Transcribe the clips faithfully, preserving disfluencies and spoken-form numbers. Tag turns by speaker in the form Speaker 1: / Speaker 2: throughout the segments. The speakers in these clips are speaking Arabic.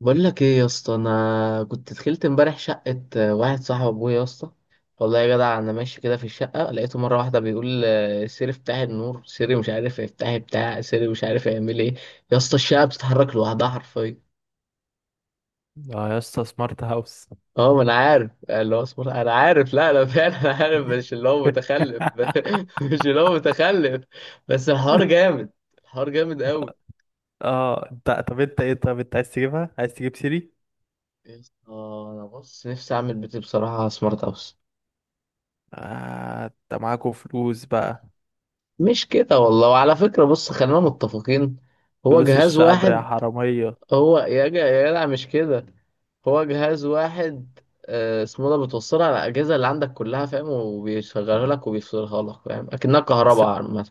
Speaker 1: بقول لك ايه يا اسطى. انا كنت دخلت امبارح شقه، آه، واحد صاحب ابويا يا اسطى. والله يا جدع انا ماشي كده في الشقه لقيته مره واحده بيقول آه، سيري افتحي النور، سيري مش عارف افتحي بتاع، سيري مش عارف يعمل ايه. يا اسطى الشقه بتتحرك لوحدها حرفيا.
Speaker 2: اه يا اسطى، سمارت هاوس.
Speaker 1: اه ما انا عارف اللي هو اصبر، انا عارف، لا انا فعلا انا عارف، مش اللي هو متخلف مش اللي هو متخلف. بس الحوار جامد. الحوار جامد قوي.
Speaker 2: اه، انت طب انت ايه؟ طب انت عايز تجيبها؟ عايز تجيب سيري؟
Speaker 1: يا اسطى انا بص نفسي اعمل بيتي بصراحه سمارت هاوس.
Speaker 2: آه انت معاكوا فلوس بقى.
Speaker 1: مش كده والله، وعلى فكرة بص خلينا متفقين، هو
Speaker 2: فلوس
Speaker 1: جهاز
Speaker 2: الشعب يا
Speaker 1: واحد.
Speaker 2: حرامية.
Speaker 1: هو يا جا يا جدع مش كده، هو جهاز واحد، آه، اسمه ده، بتوصلها على الأجهزة اللي عندك كلها فاهم، وبيشغلها لك وبيفصلها لك فاهم، أكنها
Speaker 2: بس
Speaker 1: كهرباء عامة.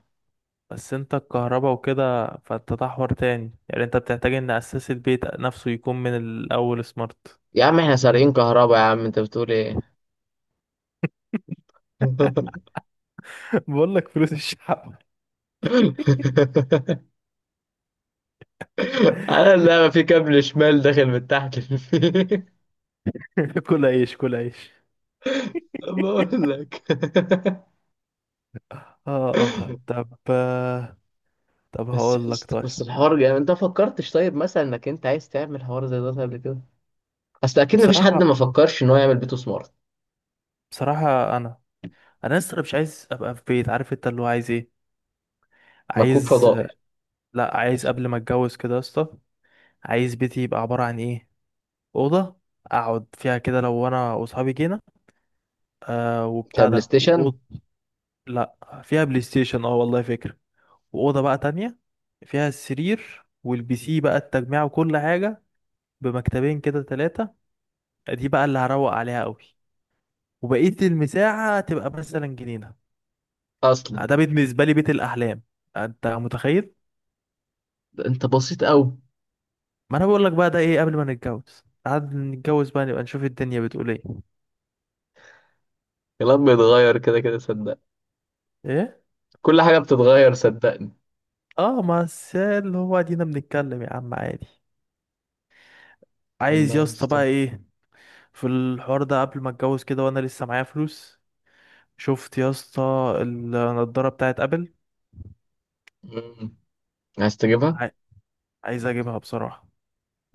Speaker 2: بس انت الكهرباء وكده، فانت ده حوار تاني. يعني انت بتحتاج ان اساس البيت نفسه يكون من الاول سمارت.
Speaker 1: يا عم احنا سارقين كهرباء يا عم، انت بتقول ايه؟
Speaker 2: بقول لك فلوس الشعب.
Speaker 1: انا اللعبة في كابل شمال داخل من تحت الفيل.
Speaker 2: كل عيش، كل عيش.
Speaker 1: بقول لك
Speaker 2: اه اه طب آه، طب
Speaker 1: بس
Speaker 2: هقول لك
Speaker 1: بس
Speaker 2: طيب.
Speaker 1: الحوار يعني، انت فكرتش طيب مثلا انك انت عايز تعمل حوار زي ده قبل كده؟ اصل اكيد مفيش
Speaker 2: بصراحة،
Speaker 1: حد ما فكرش ان هو يعمل بيته سمارت.
Speaker 2: بصراحة انا انا لسه مش عايز ابقى في بيت. عارف انت اللي هو عايز ايه؟
Speaker 1: مكوك
Speaker 2: عايز،
Speaker 1: فضائي.
Speaker 2: لا عايز قبل ما اتجوز كده يا اسطى. عايز بيتي يبقى عباره عن ايه؟ اوضه اقعد فيها كده لو انا واصحابي جينا، آه وبتاع
Speaker 1: كبلاي
Speaker 2: ده،
Speaker 1: ستيشن.
Speaker 2: واوضه، لا فيها بلاي ستيشن، اه والله فكره. واوضه بقى تانية فيها السرير والبي سي بقى التجميع وكل حاجه، بمكتبين كده ثلاثه. دي بقى اللي هروق عليها قوي. وبقيه المساحه تبقى مثلا جنينه.
Speaker 1: اصلا
Speaker 2: ده بالنسبه لي بيت الاحلام. انت متخيل؟
Speaker 1: ده انت بسيط قوي.
Speaker 2: ما انا بقول لك بقى ده ايه؟ قبل ما نتجوز قعد، نتجوز بقى نبقى نشوف الدنيا بتقول ايه.
Speaker 1: الكلام بيتغير كده كده صدقني.
Speaker 2: ايه.
Speaker 1: كل حاجه بتتغير صدقني.
Speaker 2: اه، ما الس- اللي هو ادينا بنتكلم يا عم عادي. عايز
Speaker 1: والله
Speaker 2: يا
Speaker 1: يا
Speaker 2: اسطى
Speaker 1: اسطى.
Speaker 2: بقى ايه في الحوار ده قبل ما اتجوز كده وانا لسه معايا فلوس. شفت يا اسطى النضاره بتاعت ابل؟
Speaker 1: مم. عايز تجيبها.
Speaker 2: عاي- عايز اجيبها بصراحه.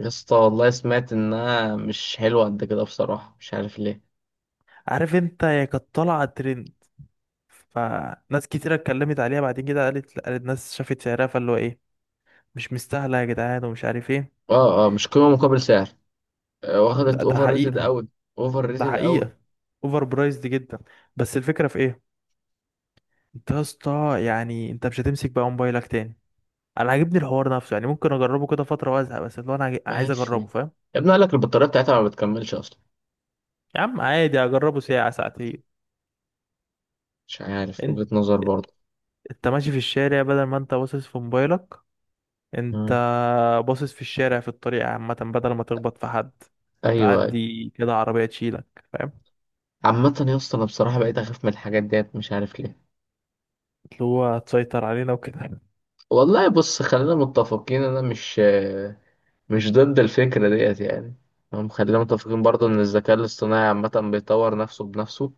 Speaker 1: يا اسطى والله سمعت انها مش حلوه قد كده بصراحه، مش عارف ليه.
Speaker 2: عارف انت هي كانت طالعه ترند، فناس كتيره اتكلمت عليها، بعدين كده قالت قالت ناس شافت سعرها، فاللي هو ايه، مش مستاهله يا جدعان ومش عارف ايه.
Speaker 1: اه اه، مش قيمه مقابل سعر. آه،
Speaker 2: ده,
Speaker 1: واخدت
Speaker 2: ده
Speaker 1: اوفر
Speaker 2: حقيقي،
Speaker 1: ريتد قوي. اوفر
Speaker 2: ده
Speaker 1: ريتد قوي.
Speaker 2: حقيقة. اوفر برايزد جدا. بس الفكرة في ايه؟ انت يا اسطى، يعني انت مش هتمسك بقى موبايلك تاني. انا عاجبني الحوار نفسه. يعني ممكن اجربه كده فترة وازهق، بس اللي هو انا عاي- عايز
Speaker 1: ماشي.
Speaker 2: اجربه،
Speaker 1: يا
Speaker 2: فاهم؟
Speaker 1: ابني قال لك البطاريه بتاعتها ما بتكملش اصلا.
Speaker 2: يا عم عادي اجربه ساعة ساعتين.
Speaker 1: مش عارف،
Speaker 2: انت
Speaker 1: وجهة نظر برضه.
Speaker 2: انت ماشي في الشارع، بدل ما انت باصص في موبايلك، انت
Speaker 1: مم.
Speaker 2: باصص في الشارع في الطريق عامة، بدل ما تخبط في حد،
Speaker 1: ايوه أيوة.
Speaker 2: تعدي كده عربية تشيلك، فاهم؟
Speaker 1: عامة يا اسطى انا بصراحة بقيت اخاف من الحاجات ديت مش عارف ليه.
Speaker 2: اللي هو تسيطر علينا وكده.
Speaker 1: والله بص خلينا متفقين، انا مش مش ضد الفكرة ديت يعني. هم خلينا متفقين برضه ان الذكاء الاصطناعي عامة بيطور نفسه بنفسه.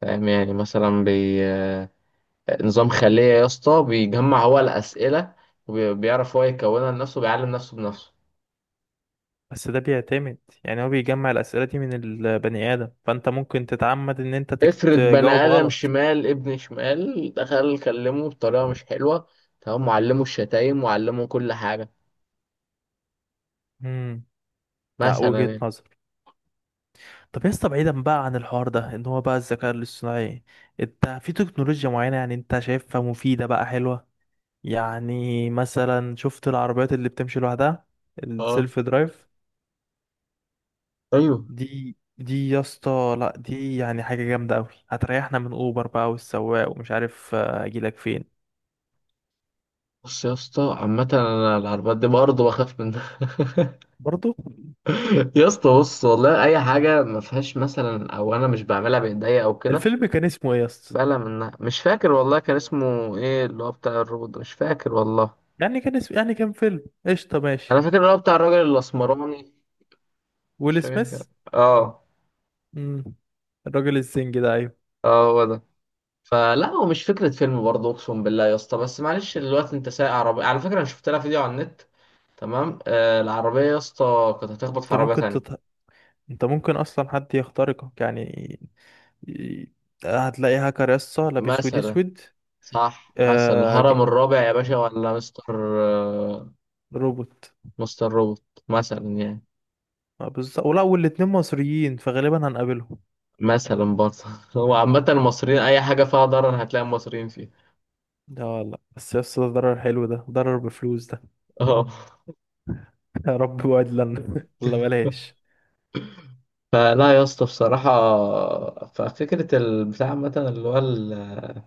Speaker 1: فاهم يعني مثلا بي، نظام خلية يا اسطى، بيجمع هو الأسئلة وبيعرف هو يكونها لنفسه، بيعلم نفسه بنفسه.
Speaker 2: بس ده بيعتمد، يعني هو بيجمع الأسئلة دي من البني آدم، فأنت ممكن تتعمد إن أنت تك-
Speaker 1: افرض بني
Speaker 2: تجاوب
Speaker 1: آدم
Speaker 2: غلط.
Speaker 1: شمال ابن شمال دخل كلمه بطريقة مش حلوة، تمام، وعلمه الشتايم وعلمه كل حاجة.
Speaker 2: امم، لا
Speaker 1: مثلا
Speaker 2: وجهة
Speaker 1: يعني.
Speaker 2: نظر. طب يا اسطى، بعيدا بقى عن الحوار ده إن هو بقى الذكاء الاصطناعي، أنت في تكنولوجيا معينة يعني أنت شايفها مفيدة بقى، حلوة؟ يعني مثلا شفت العربيات اللي بتمشي لوحدها،
Speaker 1: اه
Speaker 2: السيلف درايف؟
Speaker 1: ايوه.
Speaker 2: دي دي يا اسطى، لا دي يعني حاجة جامدة أوي، هتريحنا من أوبر بقى والسواق ومش عارف آه، أجيلك فين.
Speaker 1: بص يا اسطى عامة انا العربيات دي برضه بخاف منها.
Speaker 2: برضو
Speaker 1: يا اسطى بص والله اي حاجة ما فيهاش مثلا، او انا مش بعملها بايديا او كده،
Speaker 2: الفيلم كان اسمه إيه يا اسطى؟
Speaker 1: بقلق منها. مش فاكر والله كان اسمه ايه اللي هو بتاع الروبوت ده، مش فاكر والله.
Speaker 2: يعني كان اسم، يعني كان فيلم قشطة ماشي.
Speaker 1: انا فاكر اللي هو بتاع الراجل الاسمراني. مش
Speaker 2: ويل
Speaker 1: فاكر
Speaker 2: سميث.
Speaker 1: كده. اه
Speaker 2: مم. الراجل الزنج ده، ايوه.
Speaker 1: اه هو ده. فلا هو مش فكرة فيلم برضه أقسم بالله يا اسطى، بس معلش دلوقتي أنت سايق عربية على فكرة، أنا شفت لها فيديو على النت. تمام آه العربية يا اسطى كانت هتخبط في
Speaker 2: انت
Speaker 1: عربية
Speaker 2: ممكن
Speaker 1: تانية.
Speaker 2: تط... انت ممكن اصلا حد يخترقك يعني. ي- هتلاقي هاكر يسطا لابس ويد
Speaker 1: مثلا.
Speaker 2: اسود.
Speaker 1: صح مثلا،
Speaker 2: آه... ج-
Speaker 1: الهرم الرابع يا باشا ولا مستر، آه
Speaker 2: روبوت.
Speaker 1: مستر روبوت. مثلا يعني.
Speaker 2: آه بالظبط، ولا والاتنين مصريين فغالبا هنقابلهم.
Speaker 1: مثلا برضه هو عامة المصريين أي حاجة فيها ضرر هتلاقي المصريين فيها.
Speaker 2: ده والله بس يسطا، ده ضرر حلو، ده ضرر بفلوس ده.
Speaker 1: اه.
Speaker 2: يا رب وعد لنا، ولا بلاش.
Speaker 1: فلا يا اسطى بصراحة، ففكرة البتاع عامة اللي هو ال-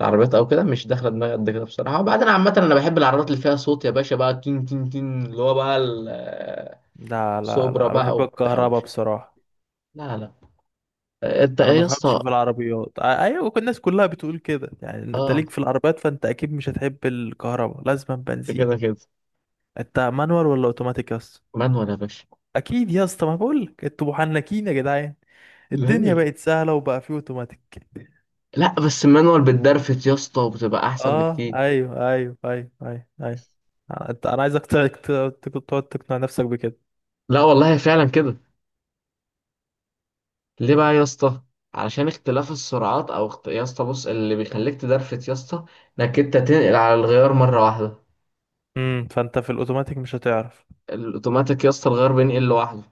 Speaker 1: العربيات أو كده مش داخلة دماغي قد كده بصراحة. وبعدين عامة أنا بحب العربيات اللي فيها صوت يا باشا، بقى تين تين تين اللي هو بقى
Speaker 2: لا لا
Speaker 1: السوبرا
Speaker 2: لا،
Speaker 1: بقى،
Speaker 2: بحب
Speaker 1: وبتاع،
Speaker 2: الكهرباء
Speaker 1: ومش.
Speaker 2: بصراحة.
Speaker 1: لا لا. أنت
Speaker 2: انا
Speaker 1: إيه
Speaker 2: ما
Speaker 1: يا
Speaker 2: بفهمش
Speaker 1: اسطى؟
Speaker 2: في العربيات. آه، ايوه كل الناس كلها بتقول كده، يعني انت
Speaker 1: أه.
Speaker 2: ليك في العربيات فانت اكيد مش هتحب الكهرباء، لازم
Speaker 1: ده كده
Speaker 2: بنزين.
Speaker 1: كده.
Speaker 2: انت مانوال ولا اوتوماتيك يا اسطى؟
Speaker 1: مانوال يا باشا.
Speaker 2: اكيد يا اسطى، ما بقول لك انتوا محنكين يا جدعان. الدنيا
Speaker 1: ليه؟
Speaker 2: بقت سهله، وبقى في اوتوماتيك.
Speaker 1: لا بس المانوال بتدرفت يا اسطى وبتبقى أحسن
Speaker 2: اه
Speaker 1: بكتير.
Speaker 2: ايوه ايوه ايوه ايوه ايوه. آه، انت انا عايزك ت- ت- ت- تقعد تقنع نفسك بكده.
Speaker 1: لا والله فعلا كده. ليه بقى يا اسطى؟ علشان اختلاف السرعات او اخت... يا اسطى بص اللي بيخليك تدرفت يا اسطى انك انت تنقل على الغيار مره واحده.
Speaker 2: امم، فانت في الاوتوماتيك مش هتعرف.
Speaker 1: الاوتوماتيك يا اسطى الغيار بينقل لوحده.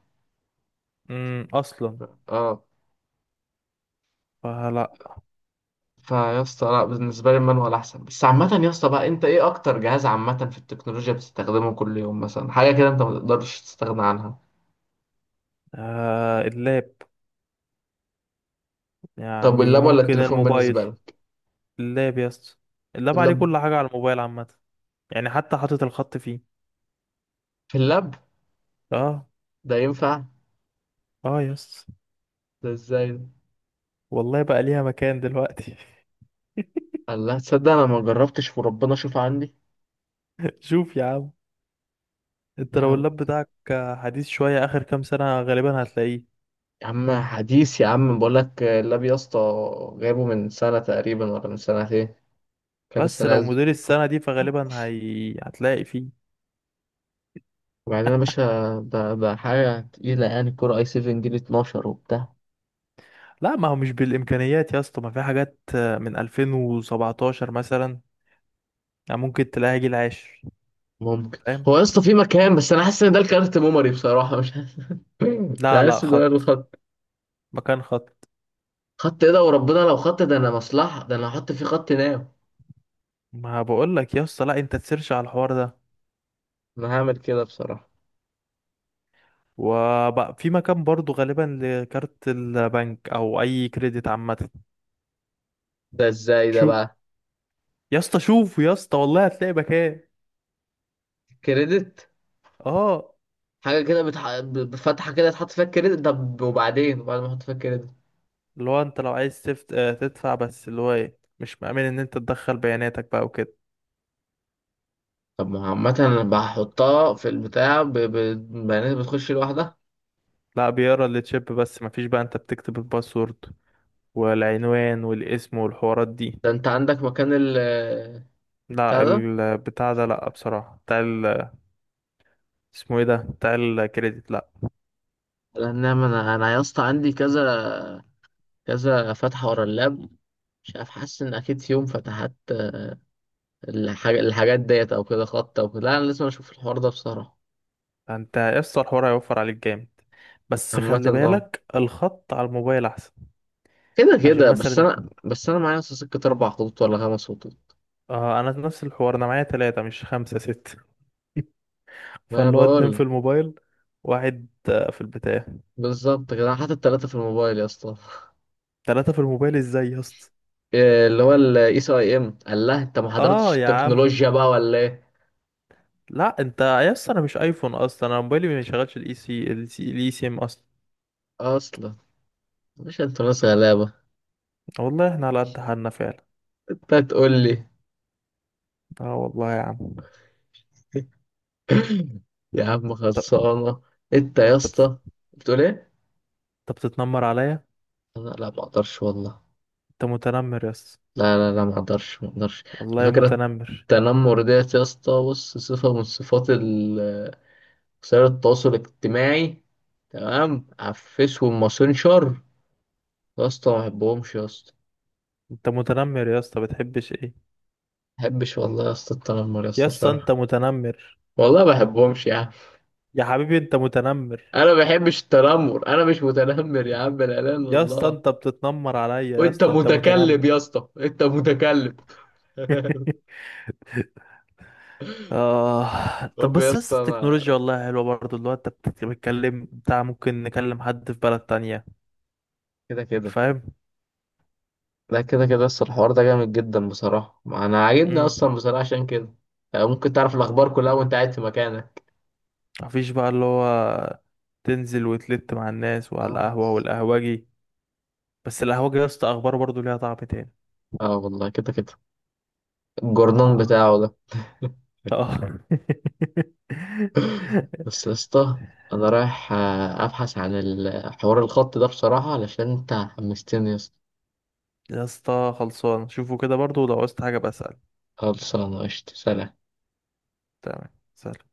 Speaker 2: امم، اصلا.
Speaker 1: اه.
Speaker 2: فلا.
Speaker 1: فيا اسطى لا، بالنسبه لي المانوال احسن. بس عامه يا اسطى بقى انت ايه اكتر جهاز عامه في التكنولوجيا بتستخدمه كل يوم، مثلا حاجه كده انت ما تقدرش تستغنى عنها؟
Speaker 2: آه اللاب،
Speaker 1: طب
Speaker 2: يعني
Speaker 1: واللاب ولا
Speaker 2: ممكن
Speaker 1: التليفون
Speaker 2: الموبايل.
Speaker 1: بالنسبه لك؟
Speaker 2: اللاب يا اسطى، اللاب عليه
Speaker 1: اللاب؟
Speaker 2: كل حاجة، على الموبايل عامة يعني، حتى حاطط الخط فيه.
Speaker 1: في اللاب؟
Speaker 2: اه.
Speaker 1: ده ينفع؟
Speaker 2: اه يا اسطى،
Speaker 1: ده ازاي ده؟
Speaker 2: والله بقى ليها مكان دلوقتي.
Speaker 1: الله تصدق انا ما جربتش، وربنا شوف عندي.
Speaker 2: شوف يا عم، انت لو
Speaker 1: لا
Speaker 2: اللاب بتاعك حديث شوية آخر كام سنة، غالبا هتلاقيه.
Speaker 1: يا عم حديث يا عم، بقول لك اللاب يا اسطى جايبه من سنة تقريبا ولا من سنتين، كان لسه
Speaker 2: بس لو
Speaker 1: نازل.
Speaker 2: موديل السنة دي فغالبا هي... هتلاقي فيه.
Speaker 1: وبعدين يا باشا ده, ده حاجة تقيلة يعني، كورة اي سبعة جيل اثنا عشر وبتاع.
Speaker 2: لا ما هو مش بالإمكانيات يا اسطى، ما في حاجات من ألفين وسبعتاشر مثلا، يعني ممكن تلاقيها جيل عاشر،
Speaker 1: ممكن.
Speaker 2: فاهم؟
Speaker 1: هو يا اسطى في مكان، بس انا حاسس ان ده الكارت ميموري بصراحة، مش حاسس مش
Speaker 2: لا لا،
Speaker 1: حاسس ان ده
Speaker 2: خط،
Speaker 1: الخط.
Speaker 2: مكان خط.
Speaker 1: خط ايه ده وربنا؟ لو خط ده انا مصلحة، ده انا هحط فيه خط ناو.
Speaker 2: ما بقول لك يا اسطى، لا انت تسيرش على الحوار ده.
Speaker 1: انا هعمل كده بصراحة.
Speaker 2: وبقى في مكان برضو غالبا لكارت البنك او اي كريدت عامه.
Speaker 1: ده ازاي ده
Speaker 2: شو،
Speaker 1: بقى؟
Speaker 2: يا اسطى شوف يا اسطى، والله هتلاقي مكان.
Speaker 1: كريدت.
Speaker 2: اه،
Speaker 1: حاجة كده بتح... ب- ب- فتحة كده تحط فيها الكريدت؟ طب وبعدين؟ وبعد ما احط فيها الكريدت؟
Speaker 2: اللي هو انت لو عايز تفت... آه، تدفع، بس اللي هو ايه، مش مأمن ان انت تدخل بياناتك بقى وكده.
Speaker 1: طب ما هو عامة انا بحطها في البتاع ب- ب- بيانات بتخش لوحدها.
Speaker 2: لا بيقرا التشيب بس، مفيش بقى انت بتكتب الباسورد والعنوان والاسم والحوارات دي.
Speaker 1: ده انت عندك مكان ال،
Speaker 2: لا
Speaker 1: بتاع ده.
Speaker 2: البتاع ده، لا بصراحه بتاع ال، اسمه ايه ده بتاع الكريدت، لا.
Speaker 1: لان انا، انا يا اسطى عندي كذا كذا فتحة ورا اللاب، مش عارف، حاسس ان اكيد في يوم فتحت الحاج... الحاجات ديت او كده خط او كده. لا انا لازم اشوف الحوار ده بصراحة.
Speaker 2: انت يا اسطى، الحوار هيوفر عليك جامد. بس
Speaker 1: عامة
Speaker 2: خلي
Speaker 1: اه،
Speaker 2: بالك الخط على الموبايل احسن.
Speaker 1: كده
Speaker 2: عشان
Speaker 1: كده، بس
Speaker 2: مثلا،
Speaker 1: انا، بس انا معايا أصلا سكة اربع خطوط ولا خمس خطوط.
Speaker 2: آه انا نفس الحوار، انا معايا ثلاثة مش خمسة ستة.
Speaker 1: ما انا
Speaker 2: فاللي هو اتنين
Speaker 1: بقول
Speaker 2: في
Speaker 1: لك،
Speaker 2: الموبايل، واحد آه، في البتاع.
Speaker 1: بالظبط كده، انا حاطط ثلاثة في الموبايل يا اسطى.
Speaker 2: ثلاثة في الموبايل ازاي يا اسطى؟
Speaker 1: إيه اللي هو الاي سي اي ام؟ قال لها انت ما حضرتش
Speaker 2: اه يا عم،
Speaker 1: التكنولوجيا بقى ولا ايه؟
Speaker 2: لا انت يا اسطى، انا مش ايفون اصلا، انا موبايلي ما بيشغلش الاي سي، الاي سي ام اصلا.
Speaker 1: اصلا، مش انت ناس غلابه.
Speaker 2: والله احنا على قد حالنا فعلا.
Speaker 1: انت هتقول لي.
Speaker 2: اه والله يا عم.
Speaker 1: يا عم
Speaker 2: طب،
Speaker 1: خلصانه. انت يا
Speaker 2: طب،
Speaker 1: اسطى. بتقول ايه؟
Speaker 2: طب بتتنمر عليا.
Speaker 1: انا لا ما اقدرش والله.
Speaker 2: انت متنمر يا اسطى،
Speaker 1: لا لا لا، ما اقدرش ما اقدرش. على
Speaker 2: والله
Speaker 1: فكره،
Speaker 2: متنمر.
Speaker 1: التنمر ديت يا اسطى بص صفه من صفات ال- وسائل التواصل الاجتماعي، تمام، على الفيس والماسنجر. يا اسطى ما بحبهمش يا اسطى.
Speaker 2: انت متنمر يا اسطى، بتحبش ايه؟
Speaker 1: ما بحبش والله يا اسطى التنمر يا
Speaker 2: يا
Speaker 1: اسطى
Speaker 2: اسطى انت
Speaker 1: بصراحه.
Speaker 2: متنمر.
Speaker 1: والله ما بحبهمش يا عم.
Speaker 2: يا حبيبي انت متنمر.
Speaker 1: انا ما بحبش التنمر، انا مش متنمر يا عم، لا اله الا
Speaker 2: يا اسطى
Speaker 1: الله.
Speaker 2: انت بتتنمر عليا، يا
Speaker 1: وانت
Speaker 2: اسطى انت
Speaker 1: متكلم
Speaker 2: متنمر.
Speaker 1: يا اسطى، انت متكلم.
Speaker 2: آه طب،
Speaker 1: طب يا
Speaker 2: بس بس
Speaker 1: اسطى انا،
Speaker 2: التكنولوجيا والله حلوة برضه، اللي هو انت بتت- بتتكلم بتاع، ممكن نكلم حد في بلد تانية،
Speaker 1: كده كده.
Speaker 2: فاهم؟
Speaker 1: لا كده كده اصلا الحوار ده جامد جدا بصراحه، ما انا عاجبني
Speaker 2: امم،
Speaker 1: اصلا بصراحه، عشان كده آه، ممكن تعرف الاخبار كلها وانت قاعد في مكانك.
Speaker 2: مفيش بقى اللي هو تنزل وتلت مع الناس وعلى
Speaker 1: اه.
Speaker 2: القهوة والقهوجي. بس القهوجي يا اسطى اخباره برضه ليها طعم تاني.
Speaker 1: اه والله كده كده. الجورنان
Speaker 2: اه
Speaker 1: بتاعه ده.
Speaker 2: اه.
Speaker 1: بس يا اسطى، انا رايح آه، ابحث عن الحوار الخط ده بصراحه، علشان انت حمستني يا اسطى.
Speaker 2: يا اسطى خلصان، شوفوا كده برضه ولو عوزت حاجة بسأل.
Speaker 1: خلصانة قشطة سلام.
Speaker 2: تمام، سلام.